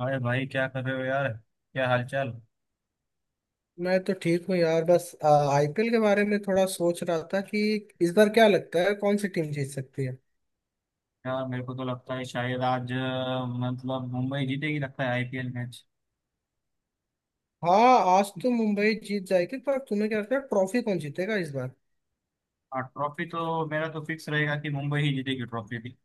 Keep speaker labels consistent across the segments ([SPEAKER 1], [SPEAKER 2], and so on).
[SPEAKER 1] अरे भाई क्या कर रहे हो यार। क्या हालचाल।
[SPEAKER 2] मैं तो ठीक हूँ यार, बस आईपीएल के बारे में थोड़ा सोच रहा था कि इस बार क्या लगता है कौन सी टीम जीत सकती है।
[SPEAKER 1] यार मेरे को तो लगता है शायद आज मतलब मुंबई जीतेगी लगता है आईपीएल मैच।
[SPEAKER 2] हाँ, आज तो मुंबई जीत जाएगी, पर तुम्हें क्या लगता है ट्रॉफी कौन जीतेगा इस बार।
[SPEAKER 1] हाँ ट्रॉफी तो मेरा तो फिक्स रहेगा कि मुंबई ही जीतेगी ट्रॉफी भी।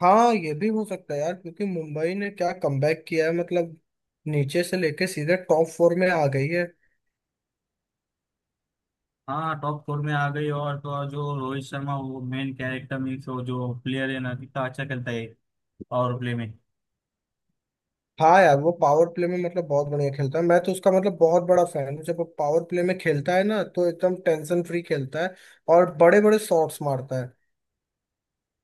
[SPEAKER 2] हाँ, ये भी हो सकता है यार, क्योंकि मुंबई ने क्या कमबैक किया है, मतलब नीचे से लेके सीधे टॉप फोर में आ गई है।
[SPEAKER 1] हाँ टॉप फोर में आ गई और तो और जो रोहित शर्मा वो मेन कैरेक्टर मीन्स वो जो प्लेयर है ना कितना अच्छा खेलता है पावर प्ले में।
[SPEAKER 2] हाँ यार, वो पावर प्ले में मतलब बहुत बढ़िया खेलता है। मैं तो उसका मतलब बहुत बड़ा फैन हूँ। जब वो पावर प्ले में खेलता है ना तो एकदम टेंशन फ्री खेलता है और बड़े बड़े शॉट्स मारता है।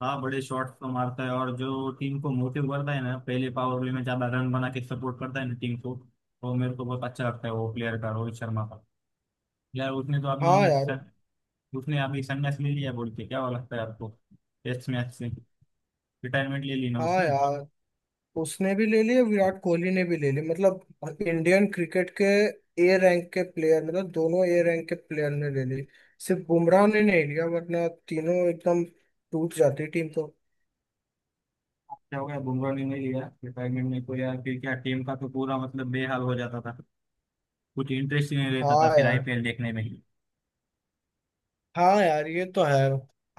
[SPEAKER 1] हाँ बड़े शॉट्स तो मारता है और जो टीम को मोटिव करता है ना पहले पावर प्ले में ज्यादा रन बना के सपोर्ट करता है ना टीम को। वो मेरे को बहुत अच्छा लगता है वो प्लेयर का रोहित शर्मा का। यार
[SPEAKER 2] हाँ यार।
[SPEAKER 1] उसने अभी संन्यास ले लिया बोल के क्या हुआ लगता है आपको टेस्ट मैच से? रिटायरमेंट ले ली ना
[SPEAKER 2] हाँ
[SPEAKER 1] उसने।
[SPEAKER 2] यार, उसने भी ले लिए, विराट कोहली ने भी ले लिए, मतलब इंडियन क्रिकेट के ए रैंक के प्लेयर, मतलब दोनों ए रैंक के प्लेयर ने ले ली। सिर्फ बुमराह ने नहीं लिया, वरना तीनों एकदम टूट जाती टीम तो।
[SPEAKER 1] क्या हो गया बुमराह ने नहीं लिया रिटायरमेंट में तो यार फिर क्या टीम का तो पूरा मतलब बेहाल हो जाता था। कुछ इंटरेस्ट ही नहीं रहता
[SPEAKER 2] हाँ
[SPEAKER 1] था फिर
[SPEAKER 2] यार।
[SPEAKER 1] आईपीएल देखने में ही।
[SPEAKER 2] हाँ यार, ये तो है।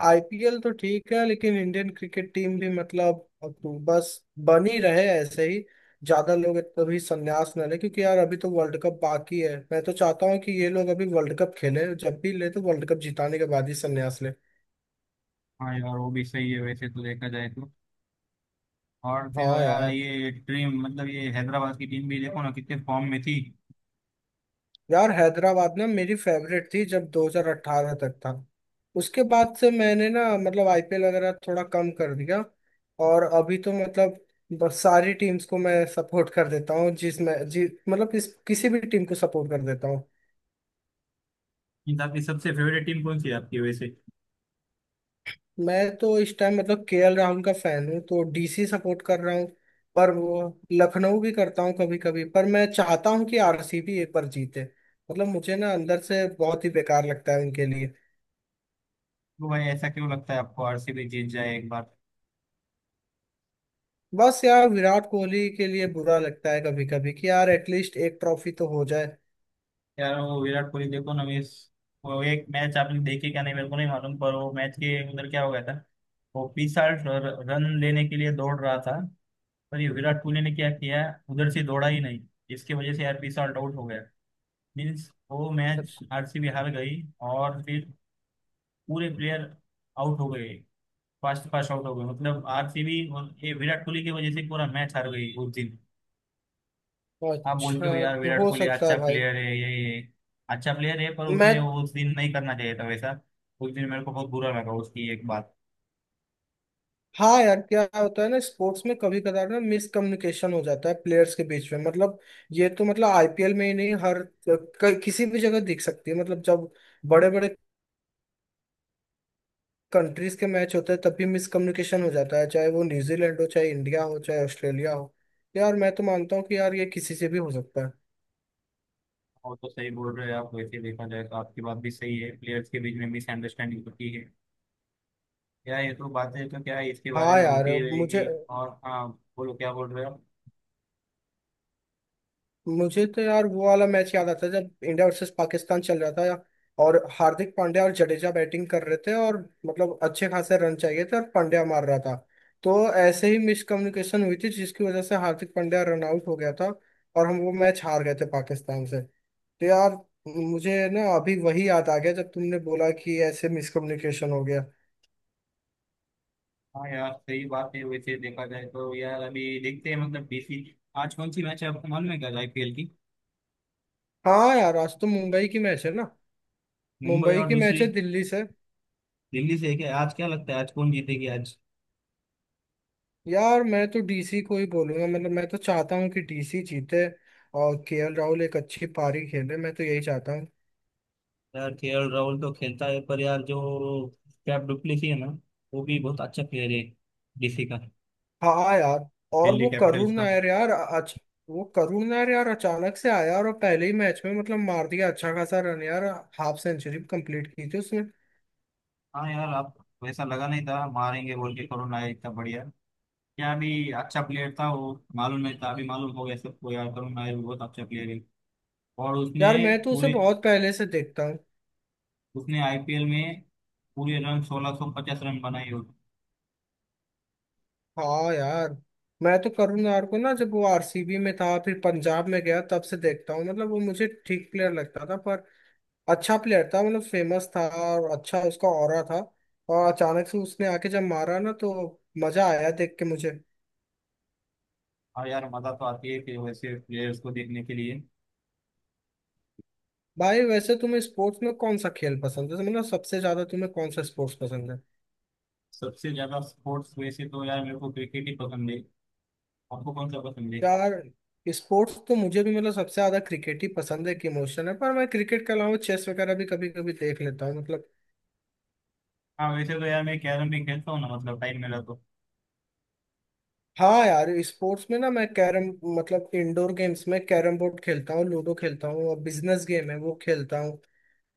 [SPEAKER 2] आईपीएल तो ठीक है, लेकिन इंडियन क्रिकेट टीम भी मतलब अब तो बस बन ही रहे ऐसे ही। ज्यादा लोग कभी संन्यास ना ले, क्योंकि यार अभी तो वर्ल्ड कप बाकी है। मैं तो चाहता हूँ कि ये लोग अभी वर्ल्ड कप खेले, जब भी ले तो वर्ल्ड कप जिताने के बाद ही संन्यास ले।
[SPEAKER 1] हाँ यार वो भी सही है वैसे तो देखा जाए तो। और फिर
[SPEAKER 2] हाँ
[SPEAKER 1] यार
[SPEAKER 2] यार।
[SPEAKER 1] ये टीम मतलब ये हैदराबाद की टीम भी देखो ना कितने फॉर्म में थी।
[SPEAKER 2] यार हैदराबाद ना मेरी फेवरेट थी जब 2018 तक था। उसके बाद से मैंने ना मतलब आईपीएल वगैरह थोड़ा कम कर दिया। और अभी तो मतलब बस सारी टीम्स को मैं सपोर्ट कर देता हूँ, जिसमें जी मतलब इस किसी भी टीम को सपोर्ट कर देता हूँ।
[SPEAKER 1] इन सबकी सबसे फेवरेट टीम कौन सी है आपकी वैसे?
[SPEAKER 2] मैं तो इस टाइम मतलब केएल राहुल का फैन हूँ तो डीसी सपोर्ट कर रहा हूँ। पर वो लखनऊ भी करता हूँ कभी कभी, पर मैं चाहता हूँ कि आरसीबी एक बार जीते। मतलब मुझे ना अंदर से बहुत ही बेकार लगता है उनके।
[SPEAKER 1] तो भाई ऐसा क्यों लगता है आपको आरसीबी जीत जाए एक बार?
[SPEAKER 2] बस यार, विराट कोहली के लिए बुरा लगता है कभी कभी कि यार एटलीस्ट एक ट्रॉफी तो हो जाए।
[SPEAKER 1] यार वो विराट कोहली देखो ना मिस। वो एक मैच आपने देखी क्या? नहीं मेरे को नहीं मालूम पर वो मैच के अंदर क्या हो गया था। वो बीसाठ रन लेने के लिए दौड़ रहा था पर ये विराट कोहली ने क्या किया? उधर से दौड़ा ही नहीं। इसकी वजह से यार बीस आउट हो गया। मीन्स वो मैच आरसीबी हार गई। और फिर पूरे प्लेयर आउट हो गए। फास्ट फास्ट आउट हो गए मतलब आरसीबी और ये विराट कोहली की वजह से पूरा मैच हार गई उस दिन। आप बोलते हो
[SPEAKER 2] अच्छा
[SPEAKER 1] यार
[SPEAKER 2] तो
[SPEAKER 1] विराट
[SPEAKER 2] हो
[SPEAKER 1] कोहली
[SPEAKER 2] सकता है
[SPEAKER 1] अच्छा
[SPEAKER 2] भाई।
[SPEAKER 1] प्लेयर है ये अच्छा प्लेयर है पर उसने
[SPEAKER 2] मैं।
[SPEAKER 1] उस दिन नहीं करना चाहिए था वैसा। उस दिन मेरे को बहुत बुरा लगा उसकी एक बात।
[SPEAKER 2] हाँ यार, क्या होता है ना, स्पोर्ट्स में कभी कदार ना मिसकम्युनिकेशन हो जाता है प्लेयर्स के बीच में, मतलब ये तो मतलब आईपीएल में ही नहीं, हर किसी भी जगह दिख सकती है। मतलब जब बड़े बड़े कंट्रीज के मैच होते हैं तब भी मिसकम्युनिकेशन हो जाता है, चाहे वो न्यूजीलैंड हो, चाहे इंडिया हो, चाहे ऑस्ट्रेलिया हो। यार मैं तो मानता हूँ कि यार ये किसी से भी हो सकता है।
[SPEAKER 1] और तो सही बोल रहे हैं आप वैसे देखा जाए तो आपकी बात भी सही है प्लेयर्स के बीच में मिसअंडरस्टैंडिंग होती है। क्या ये तो बातें तो क्या है इसके बारे
[SPEAKER 2] हाँ
[SPEAKER 1] में
[SPEAKER 2] यार।
[SPEAKER 1] होती ही
[SPEAKER 2] मुझे
[SPEAKER 1] रहेगी। और हाँ बोलो क्या बोल रहे हो आप?
[SPEAKER 2] मुझे तो यार वो वाला मैच याद आता है जब इंडिया वर्सेस पाकिस्तान चल रहा था और हार्दिक पांड्या और जडेजा बैटिंग कर रहे थे, और मतलब अच्छे खासे रन चाहिए थे और पांड्या मार रहा था। तो ऐसे ही मिसकम्युनिकेशन हुई थी जिसकी वजह से हार्दिक पांड्या रन आउट हो गया था, और हम वो मैच हार गए थे पाकिस्तान से। तो यार मुझे ना अभी वही याद आ गया जब तुमने बोला कि ऐसे मिसकम्युनिकेशन हो गया।
[SPEAKER 1] हाँ यार सही बात है वैसे देखा जाए तो यार अभी देखते हैं मतलब बीसी। आज कौन सी मैच है आपको मालूम है क्या आईपीएल की?
[SPEAKER 2] हाँ यार, आज तो मुंबई की मैच है ना।
[SPEAKER 1] मुंबई
[SPEAKER 2] मुंबई
[SPEAKER 1] और
[SPEAKER 2] की मैच
[SPEAKER 1] दूसरी
[SPEAKER 2] है दिल्ली से।
[SPEAKER 1] दिल्ली से है क्या आज? क्या लगता है आज कौन जीतेगी आज?
[SPEAKER 2] यार मैं तो डीसी को ही बोलूंगा, मतलब मैं तो चाहता हूँ कि डीसी जीते और केएल राहुल एक अच्छी पारी खेले, मैं तो यही चाहता हूँ।
[SPEAKER 1] यार केएल राहुल तो खेलता है पर यार जो कैप डुप्लेसी है ना वो भी बहुत अच्छा प्लेयर है डीसी का,
[SPEAKER 2] हाँ यार। और
[SPEAKER 1] दिल्ली
[SPEAKER 2] वो
[SPEAKER 1] कैपिटल्स
[SPEAKER 2] करुण
[SPEAKER 1] का।
[SPEAKER 2] नायर यार अच। वो करुण नायर यार अचानक से आया और पहले ही मैच में मतलब मार दिया अच्छा खासा रन यार। हाफ सेंचुरी कंप्लीट की थी उसने।
[SPEAKER 1] हाँ यार। आप वैसा लगा नहीं था मारेंगे बोल के करुण नायर इतना बढ़िया। क्या अभी अच्छा प्लेयर था वो मालूम नहीं था अभी मालूम हो गया सबको यार करुण नायर भी बहुत अच्छा प्लेयर है। और
[SPEAKER 2] यार मैं तो उसे
[SPEAKER 1] पूरे
[SPEAKER 2] बहुत पहले से देखता हूँ।
[SPEAKER 1] उसने आईपीएल में पूरे रन 1650 रन बनाए हो।
[SPEAKER 2] हाँ यार, मैं तो करुण नायर को ना जब वो आरसीबी में था फिर पंजाब में गया तब से देखता हूँ, मतलब वो मुझे ठीक प्लेयर लगता था, पर अच्छा प्लेयर था, मतलब फेमस था और अच्छा उसका ऑरा था। और अचानक से उसने आके जब मारा ना तो मजा आया देख के मुझे।
[SPEAKER 1] और यार मजा तो आती है कि वैसे प्लेयर्स को देखने के लिए।
[SPEAKER 2] भाई, वैसे तुम्हें स्पोर्ट्स में कौन सा खेल पसंद है, मतलब सबसे ज्यादा तुम्हें कौन सा स्पोर्ट्स पसंद है।
[SPEAKER 1] सबसे ज्यादा स्पोर्ट्स वैसे तो यार मेरे को क्रिकेट ही पसंद है। आपको कौन सा पसंद है?
[SPEAKER 2] यार स्पोर्ट्स तो मुझे भी मतलब सबसे ज्यादा क्रिकेट ही पसंद है, एक इमोशन है। पर मैं क्रिकेट के अलावा चेस वगैरह भी कभी कभी देख लेता हूँ मतलब।
[SPEAKER 1] हाँ वैसे तो यार मैं कैरम भी खेलता हूँ ना मतलब टाइम मिला तो।
[SPEAKER 2] हाँ यार, स्पोर्ट्स में ना मैं कैरम, मतलब इंडोर गेम्स में कैरम बोर्ड खेलता हूँ, लूडो खेलता हूँ, और बिजनेस गेम है वो खेलता हूँ।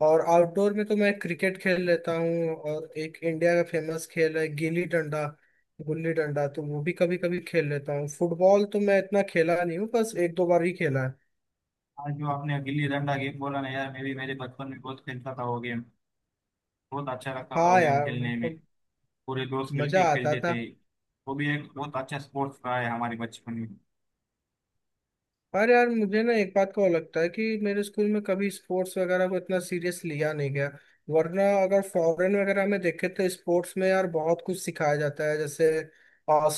[SPEAKER 2] और आउटडोर में तो मैं क्रिकेट खेल लेता हूँ, और एक इंडिया का फेमस खेल है गिल्ली डंडा, गुल्ली डंडा तो वो भी कभी कभी खेल लेता हूँ। फुटबॉल तो मैं इतना खेला नहीं हूँ, बस एक दो बार ही खेला है।
[SPEAKER 1] आज जो आपने गिल्ली डंडा गेम बोला ना यार मैं भी मेरे बचपन में बहुत खेलता था वो गेम। बहुत अच्छा लगता था वो
[SPEAKER 2] हाँ
[SPEAKER 1] गेम
[SPEAKER 2] यार,
[SPEAKER 1] खेलने में।
[SPEAKER 2] मतलब
[SPEAKER 1] पूरे दोस्त
[SPEAKER 2] मजा
[SPEAKER 1] मिलके
[SPEAKER 2] आता
[SPEAKER 1] खेलते
[SPEAKER 2] था।
[SPEAKER 1] थे। वो भी एक बहुत अच्छा स्पोर्ट्स रहा है हमारे बचपन में।
[SPEAKER 2] अरे यार, मुझे ना एक बात का और लगता है कि मेरे स्कूल में कभी स्पोर्ट्स वगैरह को इतना सीरियस लिया नहीं गया। वरना अगर फॉरेन वगैरह में देखे तो स्पोर्ट्स में यार बहुत कुछ सिखाया जाता है, जैसे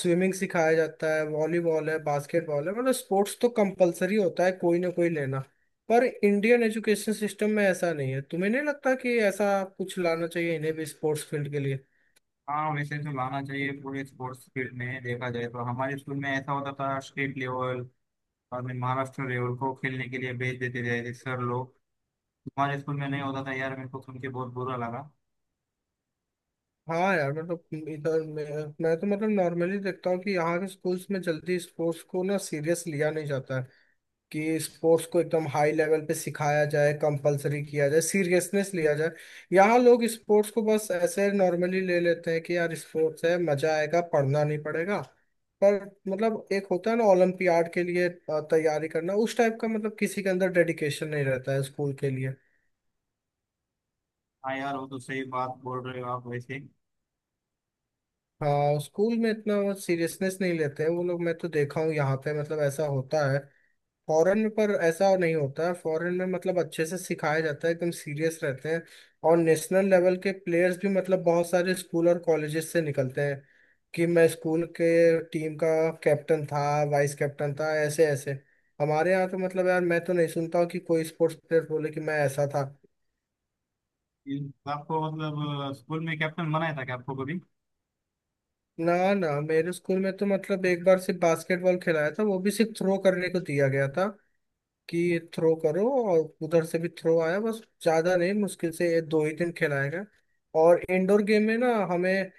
[SPEAKER 2] स्विमिंग सिखाया जाता है, वॉलीबॉल है, बास्केटबॉल है, मतलब स्पोर्ट्स तो कंपलसरी होता है कोई ना कोई लेना। पर इंडियन एजुकेशन सिस्टम में ऐसा नहीं है। तुम्हें नहीं लगता कि ऐसा कुछ लाना चाहिए इन्हें भी स्पोर्ट्स फील्ड के लिए।
[SPEAKER 1] हाँ वैसे तो लाना चाहिए पूरे स्पोर्ट्स फील्ड में देखा जाए तो हमारे स्कूल में ऐसा होता था स्टेट लेवल और मैं महाराष्ट्र लेवल को खेलने के लिए भेज देते थे सर लोग। हमारे स्कूल में नहीं होता था यार मेरे को सुन के बहुत बुरा लगा।
[SPEAKER 2] हाँ यार, मतलब इधर मैं तो मतलब नॉर्मली देखता हूँ कि यहाँ के स्कूल्स में जल्दी स्पोर्ट्स को ना सीरियस लिया नहीं जाता है कि स्पोर्ट्स को एकदम हाई लेवल पे सिखाया जाए, कंपलसरी किया जाए, सीरियसनेस लिया जाए। यहाँ लोग स्पोर्ट्स को बस ऐसे नॉर्मली ले लेते हैं कि यार स्पोर्ट्स है, मजा आएगा, पढ़ना नहीं पड़ेगा। पर मतलब एक होता है ना ओलंपियाड के लिए तैयारी करना, उस टाइप का मतलब किसी के अंदर डेडिकेशन नहीं रहता है स्कूल के लिए।
[SPEAKER 1] हाँ यार वो तो सही बात बोल रहे हो आप वैसे।
[SPEAKER 2] हाँ, स्कूल में इतना सीरियसनेस नहीं लेते हैं वो लोग, मैं तो देखा हूँ यहाँ पे मतलब ऐसा होता है फॉरेन में, पर ऐसा नहीं होता है। फॉरेन में मतलब अच्छे से सिखाया जाता है, एकदम सीरियस रहते हैं। और नेशनल लेवल के प्लेयर्स भी मतलब बहुत सारे स्कूल और कॉलेजेस से निकलते हैं कि मैं स्कूल के टीम का कैप्टन था, वाइस कैप्टन था, ऐसे ऐसे। हमारे यहाँ तो मतलब यार मैं तो नहीं सुनता हूँ कि कोई स्पोर्ट्स प्लेयर बोले कि मैं ऐसा था।
[SPEAKER 1] ये आपको स्कूल में कैप्टन बनाया था क्या आपको कभी?
[SPEAKER 2] ना ना, मेरे स्कूल में तो मतलब एक बार सिर्फ बास्केटबॉल खिलाया था, वो भी सिर्फ थ्रो करने को दिया गया था कि थ्रो करो और उधर से भी थ्रो आया, बस ज्यादा नहीं, मुश्किल से ये दो ही दिन खिलाया गया। और इंडोर गेम में ना हमें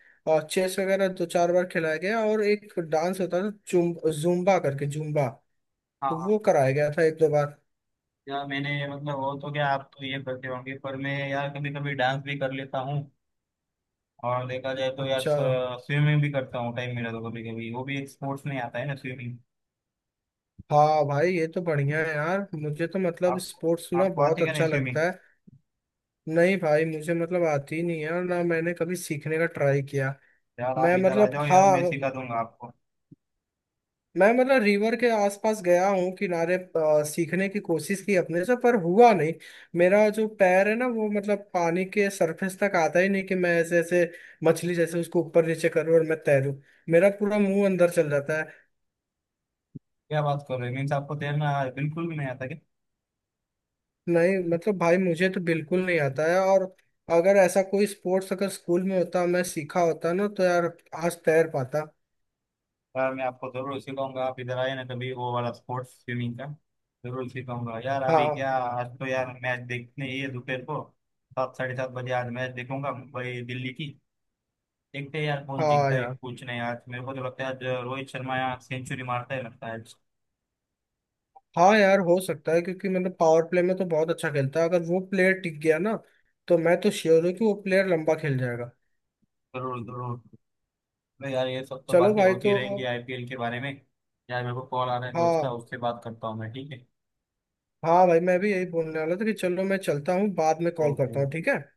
[SPEAKER 2] चेस वगैरह दो चार बार खिलाया गया, और एक डांस होता था जुम, जुम्बा करके, जुम्बा,
[SPEAKER 1] हाँ
[SPEAKER 2] तो
[SPEAKER 1] हाँ।
[SPEAKER 2] वो कराया गया था एक दो बार।
[SPEAKER 1] यार मैंने मतलब हो तो क्या आप तो ये करते होंगे पर मैं यार कभी कभी डांस भी कर लेता हूँ। और देखा जाए तो यार
[SPEAKER 2] अच्छा।
[SPEAKER 1] स्विमिंग भी करता हूँ टाइम मिला तो कभी कभी। वो भी एक स्पोर्ट्स में आता है ना स्विमिंग।
[SPEAKER 2] हाँ भाई, ये तो बढ़िया है यार, मुझे तो मतलब
[SPEAKER 1] आप
[SPEAKER 2] स्पोर्ट्स ना
[SPEAKER 1] आपको
[SPEAKER 2] बहुत
[SPEAKER 1] आती क्या नहीं
[SPEAKER 2] अच्छा
[SPEAKER 1] स्विमिंग?
[SPEAKER 2] लगता है। नहीं भाई, मुझे मतलब आती ही नहीं है और ना मैंने कभी सीखने का ट्राई किया।
[SPEAKER 1] यार आप
[SPEAKER 2] मैं
[SPEAKER 1] इधर आ
[SPEAKER 2] मतलब,
[SPEAKER 1] जाओ यार मैं
[SPEAKER 2] हाँ,
[SPEAKER 1] सिखा दूंगा आपको।
[SPEAKER 2] मैं मतलब रिवर के आसपास गया हूँ किनारे, सीखने की कोशिश की अपने से पर हुआ नहीं। मेरा जो पैर है ना वो मतलब पानी के सरफेस तक आता ही नहीं कि मैं ऐसे ऐसे मछली जैसे उसको ऊपर नीचे करूँ और मैं तैरूँ, मेरा पूरा मुंह अंदर चल जाता है।
[SPEAKER 1] क्या बात कर रहे हो मीन्स आपको तैरना बिल्कुल भी नहीं आता क्या?
[SPEAKER 2] नहीं मतलब भाई, मुझे तो बिल्कुल नहीं आता है, और अगर ऐसा कोई स्पोर्ट्स अगर स्कूल में होता मैं सीखा होता ना तो यार आज तैर पाता।
[SPEAKER 1] यार मैं आपको जरूर सिखाऊंगा आप इधर आए ना कभी वो वाला स्पोर्ट्स स्विमिंग का। जरूर सिखाऊंगा यार। अभी
[SPEAKER 2] हाँ।
[SPEAKER 1] क्या आज तो यार मैच देखने ही है दोपहर को। सात साढ़े सात बजे आज मैच देखूंगा मुंबई दिल्ली की। देखते हैं यार कौन
[SPEAKER 2] हाँ
[SPEAKER 1] जीतता है
[SPEAKER 2] यार।
[SPEAKER 1] कुछ नहीं। आज मेरे को तो लगता है आज रोहित शर्मा यहाँ सेंचुरी मारता है लगता है आज।
[SPEAKER 2] हाँ यार, हो सकता है क्योंकि मतलब पावर प्ले में तो बहुत अच्छा खेलता है। अगर वो प्लेयर टिक गया ना तो मैं तो श्योर हूँ कि वो प्लेयर लंबा खेल जाएगा।
[SPEAKER 1] जरूर जरूर। तो यार ये सब तो
[SPEAKER 2] चलो
[SPEAKER 1] बातें
[SPEAKER 2] भाई
[SPEAKER 1] होती
[SPEAKER 2] तो।
[SPEAKER 1] रहेंगी आईपीएल के बारे में। यार मेरे को कॉल आ रहा है दोस्त का
[SPEAKER 2] हाँ,
[SPEAKER 1] उससे बात करता हूँ मैं ठीक है।
[SPEAKER 2] हाँ भाई, मैं भी यही बोलने वाला था कि चलो मैं चलता हूँ, बाद में कॉल
[SPEAKER 1] ओके।
[SPEAKER 2] करता हूँ, ठीक है।